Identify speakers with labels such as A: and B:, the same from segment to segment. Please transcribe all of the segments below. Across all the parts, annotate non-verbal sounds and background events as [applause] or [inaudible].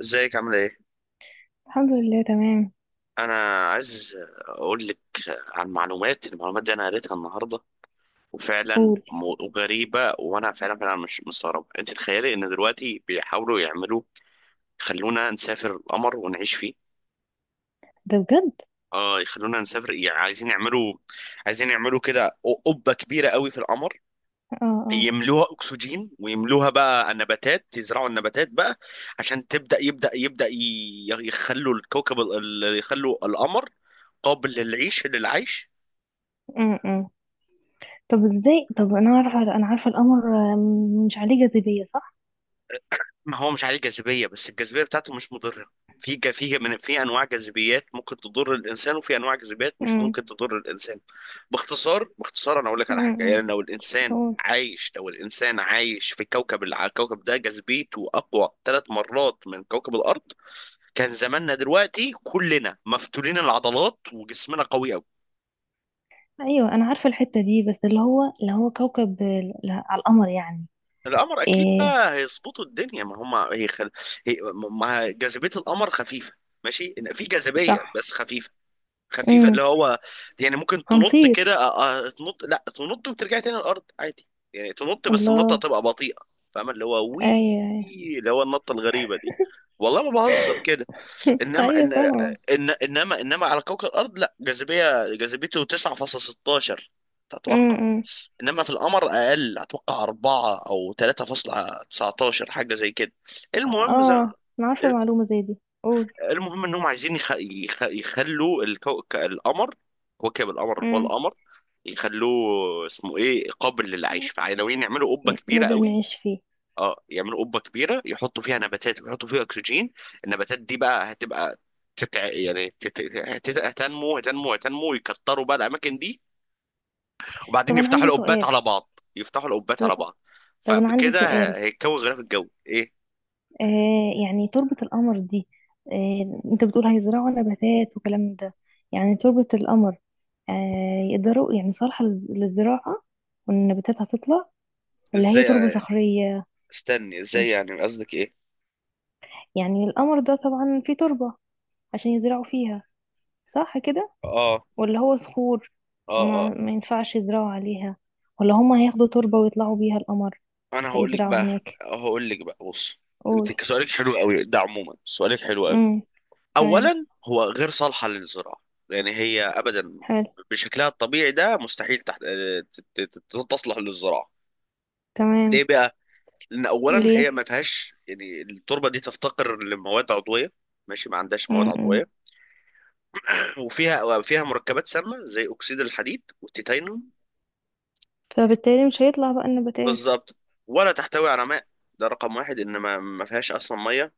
A: ازيك عامل ايه؟
B: الحمد لله تمام.
A: انا عايز اقول لك عن المعلومات دي، انا قريتها النهارده. وفعلا
B: قول.
A: غريبه. وانا فعلا فعلا مش مستغرب. انت تخيلي ان دلوقتي بيحاولوا يعملوا، يخلونا نسافر القمر ونعيش فيه.
B: ده بجد؟
A: اه، يخلونا نسافر. يعني عايزين يعملوا كده قبه كبيره قوي في القمر.
B: اه، اه.
A: يملوها اكسجين، ويملوها بقى نباتات، يزرعوا النباتات بقى عشان تبدا، يخلوا الكوكب، يخلوا القمر قابل للعيش.
B: أم، أم. طب، ازاي؟ طب، انا عارفه القمر، مش عليه جاذبيه، صح؟
A: ما هو مش عليه جاذبية، بس الجاذبية بتاعته مش مضرة. في ج- في من في انواع جاذبيات ممكن تضر الانسان، وفي انواع جاذبيات مش
B: أم،
A: ممكن تضر الانسان. باختصار، انا اقول لك
B: أم،
A: على حاجه:
B: أم.
A: يعني لو الانسان
B: قول.
A: عايش، في كوكب، الكوكب ده جاذبيته اقوى 3 مرات من كوكب الارض، كان زماننا دلوقتي كلنا مفتولين العضلات، وجسمنا قوي قوي.
B: ايوه، انا عارفه الحته دي، بس اللي هو كوكب على القمر يعني.
A: القمر اكيد
B: ايه،
A: بقى هيظبطوا الدنيا، ما هم هي... ما جاذبيه القمر خفيفه. ماشي، في جاذبيه
B: صح.
A: بس خفيفه. خفيفه،
B: امم.
A: اللي هو يعني ممكن تنط كده.
B: هنطير.
A: تنط، لا تنط وترجع تاني الارض عادي. يعني تنط، بس النطه
B: الله.
A: تبقى بطيئه. فاهم؟ اللي هو وي،
B: ايوه، ايوه.
A: اللي هو النطه الغريبه دي. والله ما بهزر كده. انما
B: ايوه،
A: إن
B: فاهمه.
A: إن انما انما على كوكب الارض لا جاذبيه، جاذبيته 9.16،
B: أم،
A: تتوقع؟
B: أم.
A: انما في القمر اقل، اتوقع 4 او 3.19، حاجه زي كده. المهم زي
B: اه، انا عارفه معلومه زي دي. قول.
A: المهم انهم عايزين يخلوا القمر، كوكب القمر، اللي هو
B: أم.
A: القمر، يخلوه اسمه ايه، قابل للعيش. فناويين يعملوا قبه كبيره
B: نقدر
A: قوي.
B: نعيش فيه؟
A: اه، يعملوا قبه كبيره، يحطوا فيها نباتات، ويحطوا فيها اكسجين. النباتات دي بقى هتبقى، تتع... يعني تت... هت- هتنمو هتنمو هتنمو، ويكتروا بقى الاماكن دي.
B: طب،
A: وبعدين
B: انا
A: يفتحوا
B: عندي
A: القبات
B: سؤال.
A: على بعض،
B: طب طب انا عندي سؤال.
A: فبكده هيتكون غلاف الجوي ايه.
B: يعني تربة القمر دي، انت بتقول هيزرعوا نباتات وكلام ده. يعني تربة القمر، آه يقدروا يعني صالحة للزراعة، والنباتات هتطلع؟ ولا هي
A: ازاي
B: تربة
A: يعني؟
B: صخرية؟
A: استني، ازاي
B: مش
A: يعني؟ قصدك ايه؟
B: يعني القمر ده طبعا فيه تربة عشان يزرعوا فيها، صح كده؟
A: اه،
B: ولا هو صخور؟
A: اه، آه.
B: ما ينفعش يزرعوا عليها، ولا هما هياخدوا تربة ويطلعوا بيها القمر؟
A: انا هقول لك
B: هيزرعوا
A: بقى،
B: هناك؟
A: بص:
B: قول.
A: انت سؤالك حلو قوي ده، عموما سؤالك حلو قوي.
B: امم. تمام.
A: اولا، هو غير صالحه للزراعه. يعني هي ابدا
B: حلو.
A: بشكلها الطبيعي ده مستحيل تحت... ت- ت- ت- تصلح للزراعه.
B: تمام.
A: ليه بقى؟ لان اولا هي
B: ليه؟
A: ما فيهاش، يعني التربه دي تفتقر لمواد عضويه. ماشي، ما عندهاش مواد عضويه. وفيها مركبات سامه زي اكسيد الحديد والتيتانيوم.
B: فبالتالي مش هيطلع بقى النباتات.
A: بالظبط. ولا تحتوي على ماء. ده رقم واحد، ان ما فيهاش اصلا ميه،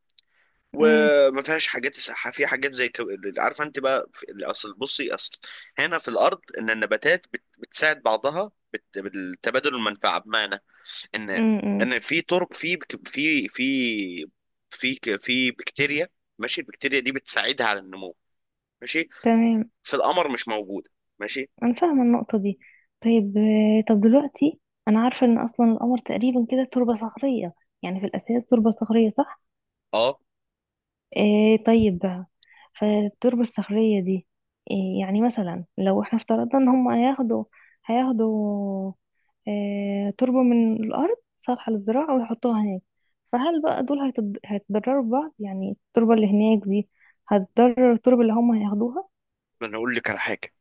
B: امم،
A: وما فيهاش حاجات. في حاجات زي كو... عارفه انت بقى في... اصل بصي اصل هنا في الارض، ان النباتات بتساعد بعضها، بالتبادل المنفعه. بمعنى ان
B: امم. امم.
A: ان في ترب في بك- في في في ك- في بكتيريا. ماشي، البكتيريا دي بتساعدها على النمو. ماشي.
B: تمام.
A: في القمر مش موجوده. ماشي،
B: انا فاهمه النقطه دي. طيب، طب دلوقتي، انا عارفه ان اصلا القمر تقريبا كده تربه صخريه. يعني في الاساس تربه صخريه، صح؟
A: اه.
B: إيه؟ طيب بقى، فالتربة الصخرية دي، إيه يعني مثلا لو احنا افترضنا ان هم هياخدوا إيه تربة من الأرض صالحة للزراعة ويحطوها هناك، فهل بقى دول هيتضرروا ببعض؟ يعني التربة اللي هناك دي هتضرر التربة اللي هم هياخدوها؟
A: ما انا اقول لك على حاجه: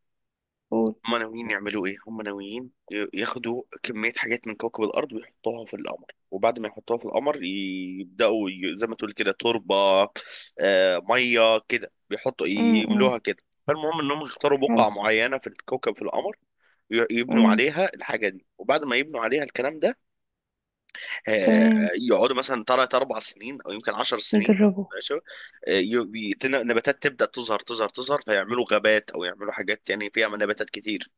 B: و...
A: هم ناويين يعملوا ايه؟ هم ناويين ياخدوا كمية حاجات من كوكب الارض ويحطوها في القمر، وبعد ما يحطوها في القمر يبدأوا، زي ما تقول كده تربة. مية كده بيحطوا،
B: م -م.
A: يملوها كده. فالمهم انهم يختاروا بقعة
B: حلو.
A: معينة في الكوكب، في القمر، يبنوا
B: م.
A: عليها الحاجة دي، وبعد ما يبنوا عليها الكلام ده آه،
B: تمام.
A: يقعدوا مثلا تلات أربع سنين أو يمكن 10 سنين.
B: يجربوا.
A: ماشي. نباتات تبدأ تظهر، فيعملوا غابات، أو يعملوا حاجات يعني فيها نباتات كتير.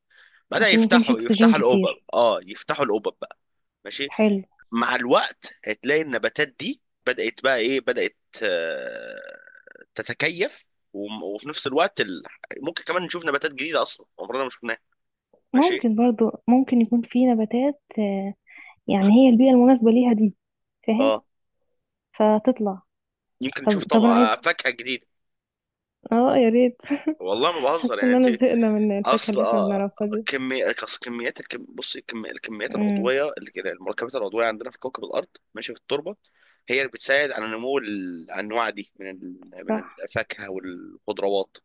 A: بدأ
B: عشان يكون في
A: يفتحوا،
B: أكسجين
A: الأوبب،
B: كتير.
A: اه، يفتحوا الأوبب بقى. ماشي.
B: حلو.
A: مع الوقت هتلاقي النباتات دي بدأت بقى ايه، بدأت آه، تتكيف. وفي نفس الوقت، ممكن كمان نشوف نباتات جديدة أصلا عمرنا ما شفناها. ماشي،
B: ممكن برضو، ممكن يكون في نباتات، يعني هي البيئة المناسبة ليها دي. فاهم؟
A: اه.
B: فتطلع.
A: يمكن
B: طب،
A: نشوف
B: انا
A: طبعا
B: عايزه.
A: فاكهة جديدة.
B: اه، يا ريت.
A: والله ما
B: [laughs] حاسه
A: بهزر، يعني انت!
B: اننا زهقنا من الفاكهه
A: اصل
B: اللي احنا
A: آه،
B: بنعرفها دي.
A: كمية أصل كميات الكم... بصي كمي... الكميات
B: امم.
A: العضويه، المركبات العضويه عندنا في كوكب الارض، ماشي، في التربه، هي اللي بتساعد على نمو الانواع دي من
B: صح.
A: الفاكهه والخضروات.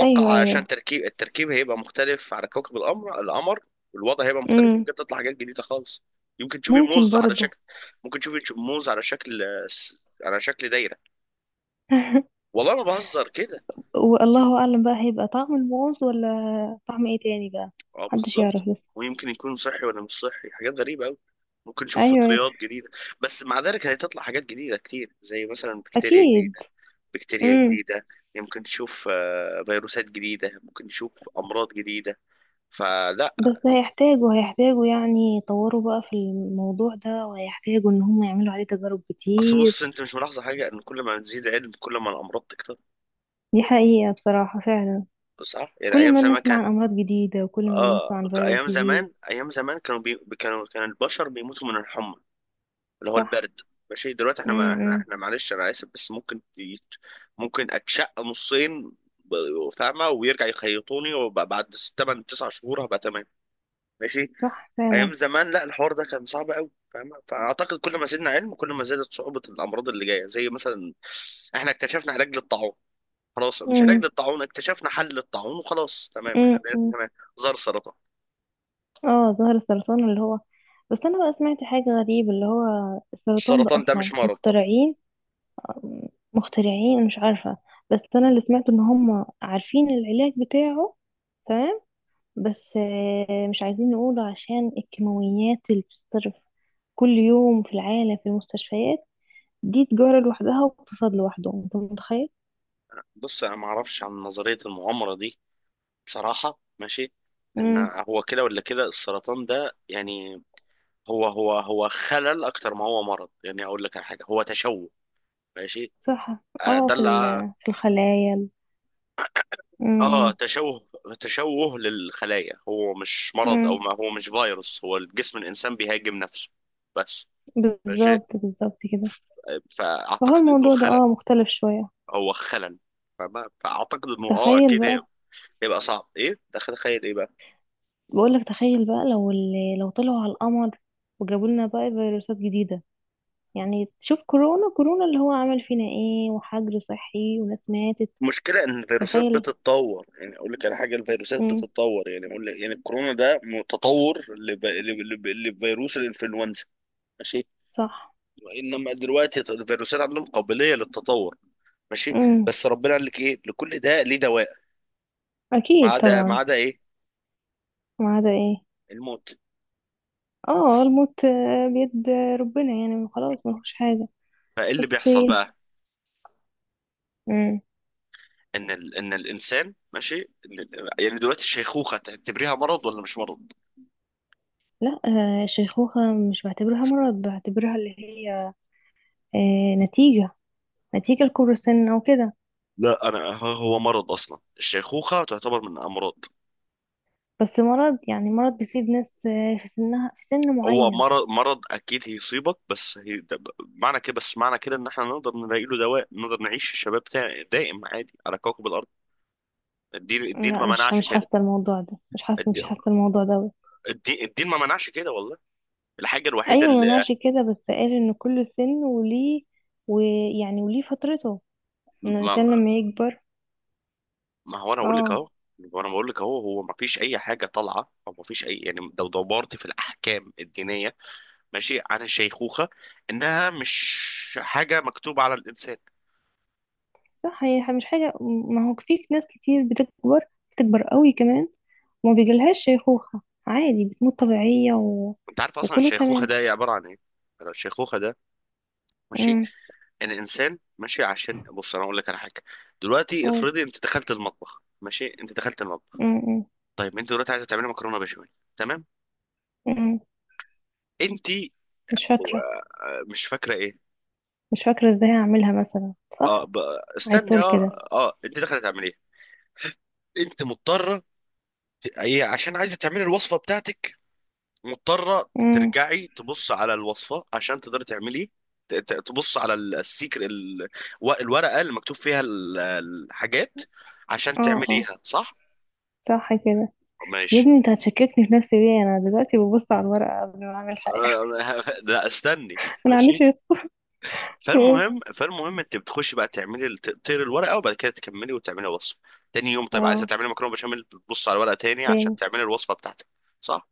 B: ايوه،
A: عشان
B: ايوه.
A: التركيب هيبقى مختلف على كوكب القمر، القمر، والوضع هيبقى مختلف،
B: امم.
A: يمكن تطلع حاجات جديده خالص. يمكن تشوفي
B: ممكن
A: موز على
B: برضه.
A: شكل ممكن تشوفي موز على شكل، على شكل دايره. والله ما بهزر كده.
B: والله اعلم بقى هيبقى طعم الموز، ولا طعم ايه تاني بقى؟
A: اه،
B: محدش يعرف
A: بالظبط.
B: لسه.
A: ويمكن يكون صحي ولا مش صحي، حاجات غريبة أوي. ممكن نشوف
B: ايوه، أيوة.
A: فطريات جديدة. بس مع ذلك هتطلع حاجات جديدة كتير، زي مثلا بكتيريا
B: اكيد.
A: جديدة، بكتيريا
B: امم.
A: جديدة يمكن تشوف فيروسات جديدة، ممكن تشوف أمراض جديدة. فلا.
B: بس هيحتاجوا يعني يطوروا بقى في الموضوع ده، وهيحتاجوا ان هم يعملوا عليه تجارب
A: أصل
B: كتير.
A: بص، أنت مش ملاحظة حاجة؟ إن كل ما بتزيد علم كل ما الأمراض تكتر.
B: دي حقيقة، بصراحة فعلا.
A: صح؟ يعني
B: كل
A: أيام
B: ما
A: زمان
B: نسمع
A: كان،
B: عن امراض جديدة، وكل ما نسمع
A: آه،
B: عن فيروس جديد.
A: أيام زمان كانوا بي... كانوا كان البشر بيموتوا من الحمى، اللي هو
B: صح.
A: البرد. ماشي. دلوقتي احنا، ما احنا،
B: امم.
A: معلش انا اسف، بس ممكن اتشق نصين، فاهمه، ويرجع يخيطوني، وبعد 8-9 شهور هبقى تمام. ماشي.
B: صح فعلا.
A: ايام زمان لا، الحوار ده كان صعب قوي، فاهمه؟ فاعتقد كل ما زدنا علم كل ما زادت صعوبه الامراض اللي جايه، زي مثلا احنا اكتشفنا علاج للطاعون. خلاص، مش علاج
B: امم،
A: للطاعون، اكتشفنا حل للطاعون، وخلاص تمام، احنا بقينا
B: امم.
A: تمام. ظهر سرطان.
B: اه، ظهر السرطان اللي هو، بس انا بقى سمعت حاجة غريبة، اللي هو السرطان ده
A: السرطان ده
B: اصلا
A: مش مرض طبعا.
B: مخترعين. مخترعين، مش عارفة. بس انا اللي سمعته ان هم عارفين العلاج بتاعه. تمام. بس مش عايزين نقوله عشان الكيماويات اللي بتصرف كل يوم في العالم في المستشفيات، دي تجارة لوحدها واقتصاد لوحده، انت متخيل؟
A: بص، انا ما اعرفش عن نظريه المؤامره دي بصراحة. ماشي. لأن
B: امم.
A: هو كده ولا كده السرطان ده، يعني هو خلل أكتر ما هو مرض. يعني أقول لك على حاجة: هو تشوه. ماشي.
B: صح.
A: آه،
B: اه،
A: ده
B: في
A: اللي آه
B: في الخلايا.
A: آه،
B: امم.
A: تشوه، تشوه للخلايا. هو مش مرض، أو ما هو مش فيروس، هو الجسم الإنسان بيهاجم نفسه بس. ماشي.
B: بالظبط، بالظبط كده. فهو
A: فأعتقد إنه
B: الموضوع ده
A: خلل.
B: مختلف شوية.
A: هو خلل. فأعتقد إنه، آه،
B: تخيل
A: أكيد
B: بقى.
A: هيبقى صعب. إيه ده؟ تخيل إيه بقى.
B: بقولك تخيل بقى، لو لو طلعوا على القمر وجابوا لنا بقى فيروسات جديدة، يعني شوف كورونا، كورونا اللي هو عمل فينا ايه، وحجر صحي، وناس ماتت.
A: المشكلة إن الفيروسات
B: تخيل.
A: بتتطور. يعني أقول لك على حاجة: الفيروسات
B: امم.
A: بتتطور. يعني أقول لك، يعني الكورونا ده متطور، لفيروس الإنفلونزا. ماشي.
B: صح.
A: إنما دلوقتي الفيروسات عندهم قابلية للتطور. ماشي.
B: امم.
A: بس ربنا قال لك إيه؟ لكل ده ليه دواء،
B: اكيد
A: ما
B: طبعا.
A: عدا إيه؟
B: ما عدا ايه؟
A: الموت.
B: اه، الموت. بيد ربنا، يعني خلاص ما فيهوش حاجة.
A: فإيه اللي
B: بس.
A: بيحصل بقى؟
B: امم.
A: إن إن الإنسان، ماشي، يعني دلوقتي الشيخوخة تعتبريها مرض ولا مش مرض؟
B: لا، الشيخوخة مش بعتبرها مرض، بعتبرها اللي هي نتيجة، نتيجة لكبر السن وكده.
A: لا، أنا هو مرض أصلا، الشيخوخة تعتبر من الأمراض.
B: بس مرض، يعني مرض بيصيب ناس في سنها، في سن
A: هو
B: معين.
A: مرض، اكيد هيصيبك، بس هي ده، معنى كده، ان احنا نقدر نلاقي له دواء، نقدر نعيش الشباب بتاعي دائم عادي على كوكب الارض. الدين الدين
B: لا،
A: ما
B: مش
A: منعش
B: مش
A: كده.
B: حاسة الموضوع ده، مش حاسة مش
A: الدين
B: حاسة الموضوع ده أوي.
A: الدين ما منعش كده والله. الحاجه الوحيده
B: ايوه، ما
A: اللي
B: نوعش كده، بس قال ان كل سن وليه، ويعني وليه فترته، ان
A: ما,
B: الانسان لما يكبر.
A: ما هو انا اقول لك
B: اه.
A: اهو. وانا بقول لك اهو، هو ما فيش اي حاجه طالعه، او ما فيش اي، يعني لو دورت في الاحكام الدينيه، ماشي، عن الشيخوخه، انها مش حاجه مكتوبه على الانسان.
B: صح، هي مش حاجة، ما هو في ناس كتير بتكبر، بتكبر قوي كمان، وما بيجيلهاش شيخوخة، عادي بتموت طبيعية
A: انت عارف اصلا
B: وكله
A: الشيخوخه
B: تمام.
A: ده عباره عن ايه؟ الشيخوخه ده، ماشي،
B: امم.
A: الانسان، ماشي، عشان بص انا اقول لك على حاجه: دلوقتي
B: قول.
A: افرضي انت دخلت المطبخ، ماشي، انت دخلت المطبخ.
B: امم، أمم.
A: طيب انت دلوقتي عايزه تعملي مكرونه بشاميل، تمام؟
B: أمم.
A: انت
B: مش فاكرة.
A: آه، مش فاكره ايه،
B: مش فاكرة ازاي هعملها مثلا.
A: اه،
B: صح. عايز
A: استني،
B: تقول
A: اه،
B: كده؟
A: اه، انت دخلت تعمليها. انت مضطره، هي عشان عايزه تعملي الوصفه بتاعتك، مضطره
B: امم.
A: ترجعي تبص على الوصفه عشان تقدري تعملي، تبص على السيكر، الورقه اللي مكتوب فيها الحاجات، عشان
B: اه، اه.
A: تعمليها صح.
B: صح كده. يا
A: ماشي.
B: ابني، انت هتشككني في نفسي ليه؟ انا دلوقتي ببص على الورقة قبل ما اعمل حاجة.
A: [laughs] لا استني.
B: [laughs] انا عنديش.
A: ماشي.
B: يقول.
A: فالمهم انت بتخشي بقى تعملي تقطيري الورقه، وبعد كده تكملي وتعملي وصفه. تاني يوم، طيب عايزه
B: اه.
A: تعملي مكرونه بشاميل، بتبص على الورقه تاني عشان
B: تاني.
A: تعملي الوصفه بتاعتك. صح؟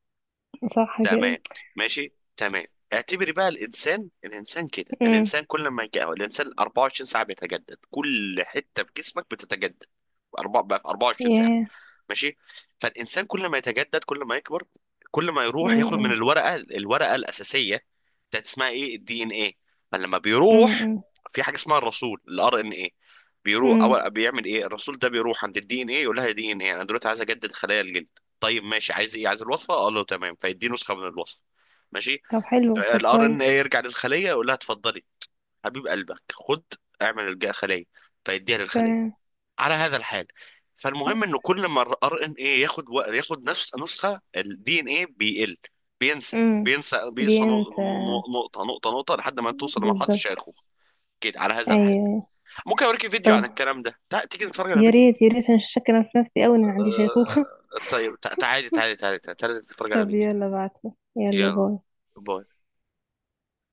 B: صح كده.
A: تمام. ماشي، تمام. اعتبري بقى الانسان، كده.
B: امم.
A: الانسان كل ما يجي، الانسان 24 ساعه بيتجدد، كل حته في جسمك بتتجدد. بقى في 24 ساعه.
B: ياه.
A: ماشي. فالانسان كل ما يتجدد، كل ما يكبر، كل ما يروح ياخد من
B: امم،
A: الورقه، الاساسيه بتاعت اسمها ايه، الدي ان ايه. فلما بيروح،
B: امم،
A: في حاجه اسمها الرسول، الار ان ايه. بيروح
B: امم.
A: اول، بيعمل ايه الرسول ده؟ بيروح عند الدي ان ايه يقول لها: دي ان ايه، انا دلوقتي عايز اجدد خلايا الجلد. طيب ماشي، عايز ايه؟ عايز الوصفه. قال له تمام، فيديه نسخه من الوصفه، ماشي.
B: طب حلو، طب
A: الار
B: كويس.
A: ان ايه يرجع للخليه يقول لها: اتفضلي حبيب قلبك، خد اعمل الخليه. فيديها للخليه،
B: تمام.
A: على هذا الحال. فالمهم انه كل ما الار ان ايه ياخد ياخد نفس نسخه الدي ان ايه، بيقل، بينسى
B: امم.
A: بينسى
B: بينسى.
A: نقطه، نقطه، لحد ما توصل لمرحله
B: بالظبط.
A: الشيخوخه. كده على هذا
B: ايوه،
A: الحال.
B: ايوه.
A: ممكن اوريك فيديو
B: طب،
A: عن الكلام ده، تيجي نتفرج على
B: يا
A: فيديو؟
B: ريت، يا ريت، انا مش شاكه في نفسي قوي ان انا عندي شيخوخة. [laughs]
A: آه... طيب، تعالي تعالي تعالي تعالي تعالي نتفرج على
B: طب،
A: فيديو.
B: يلا بعتلي. يلا،
A: يلا
B: باي.
A: باي.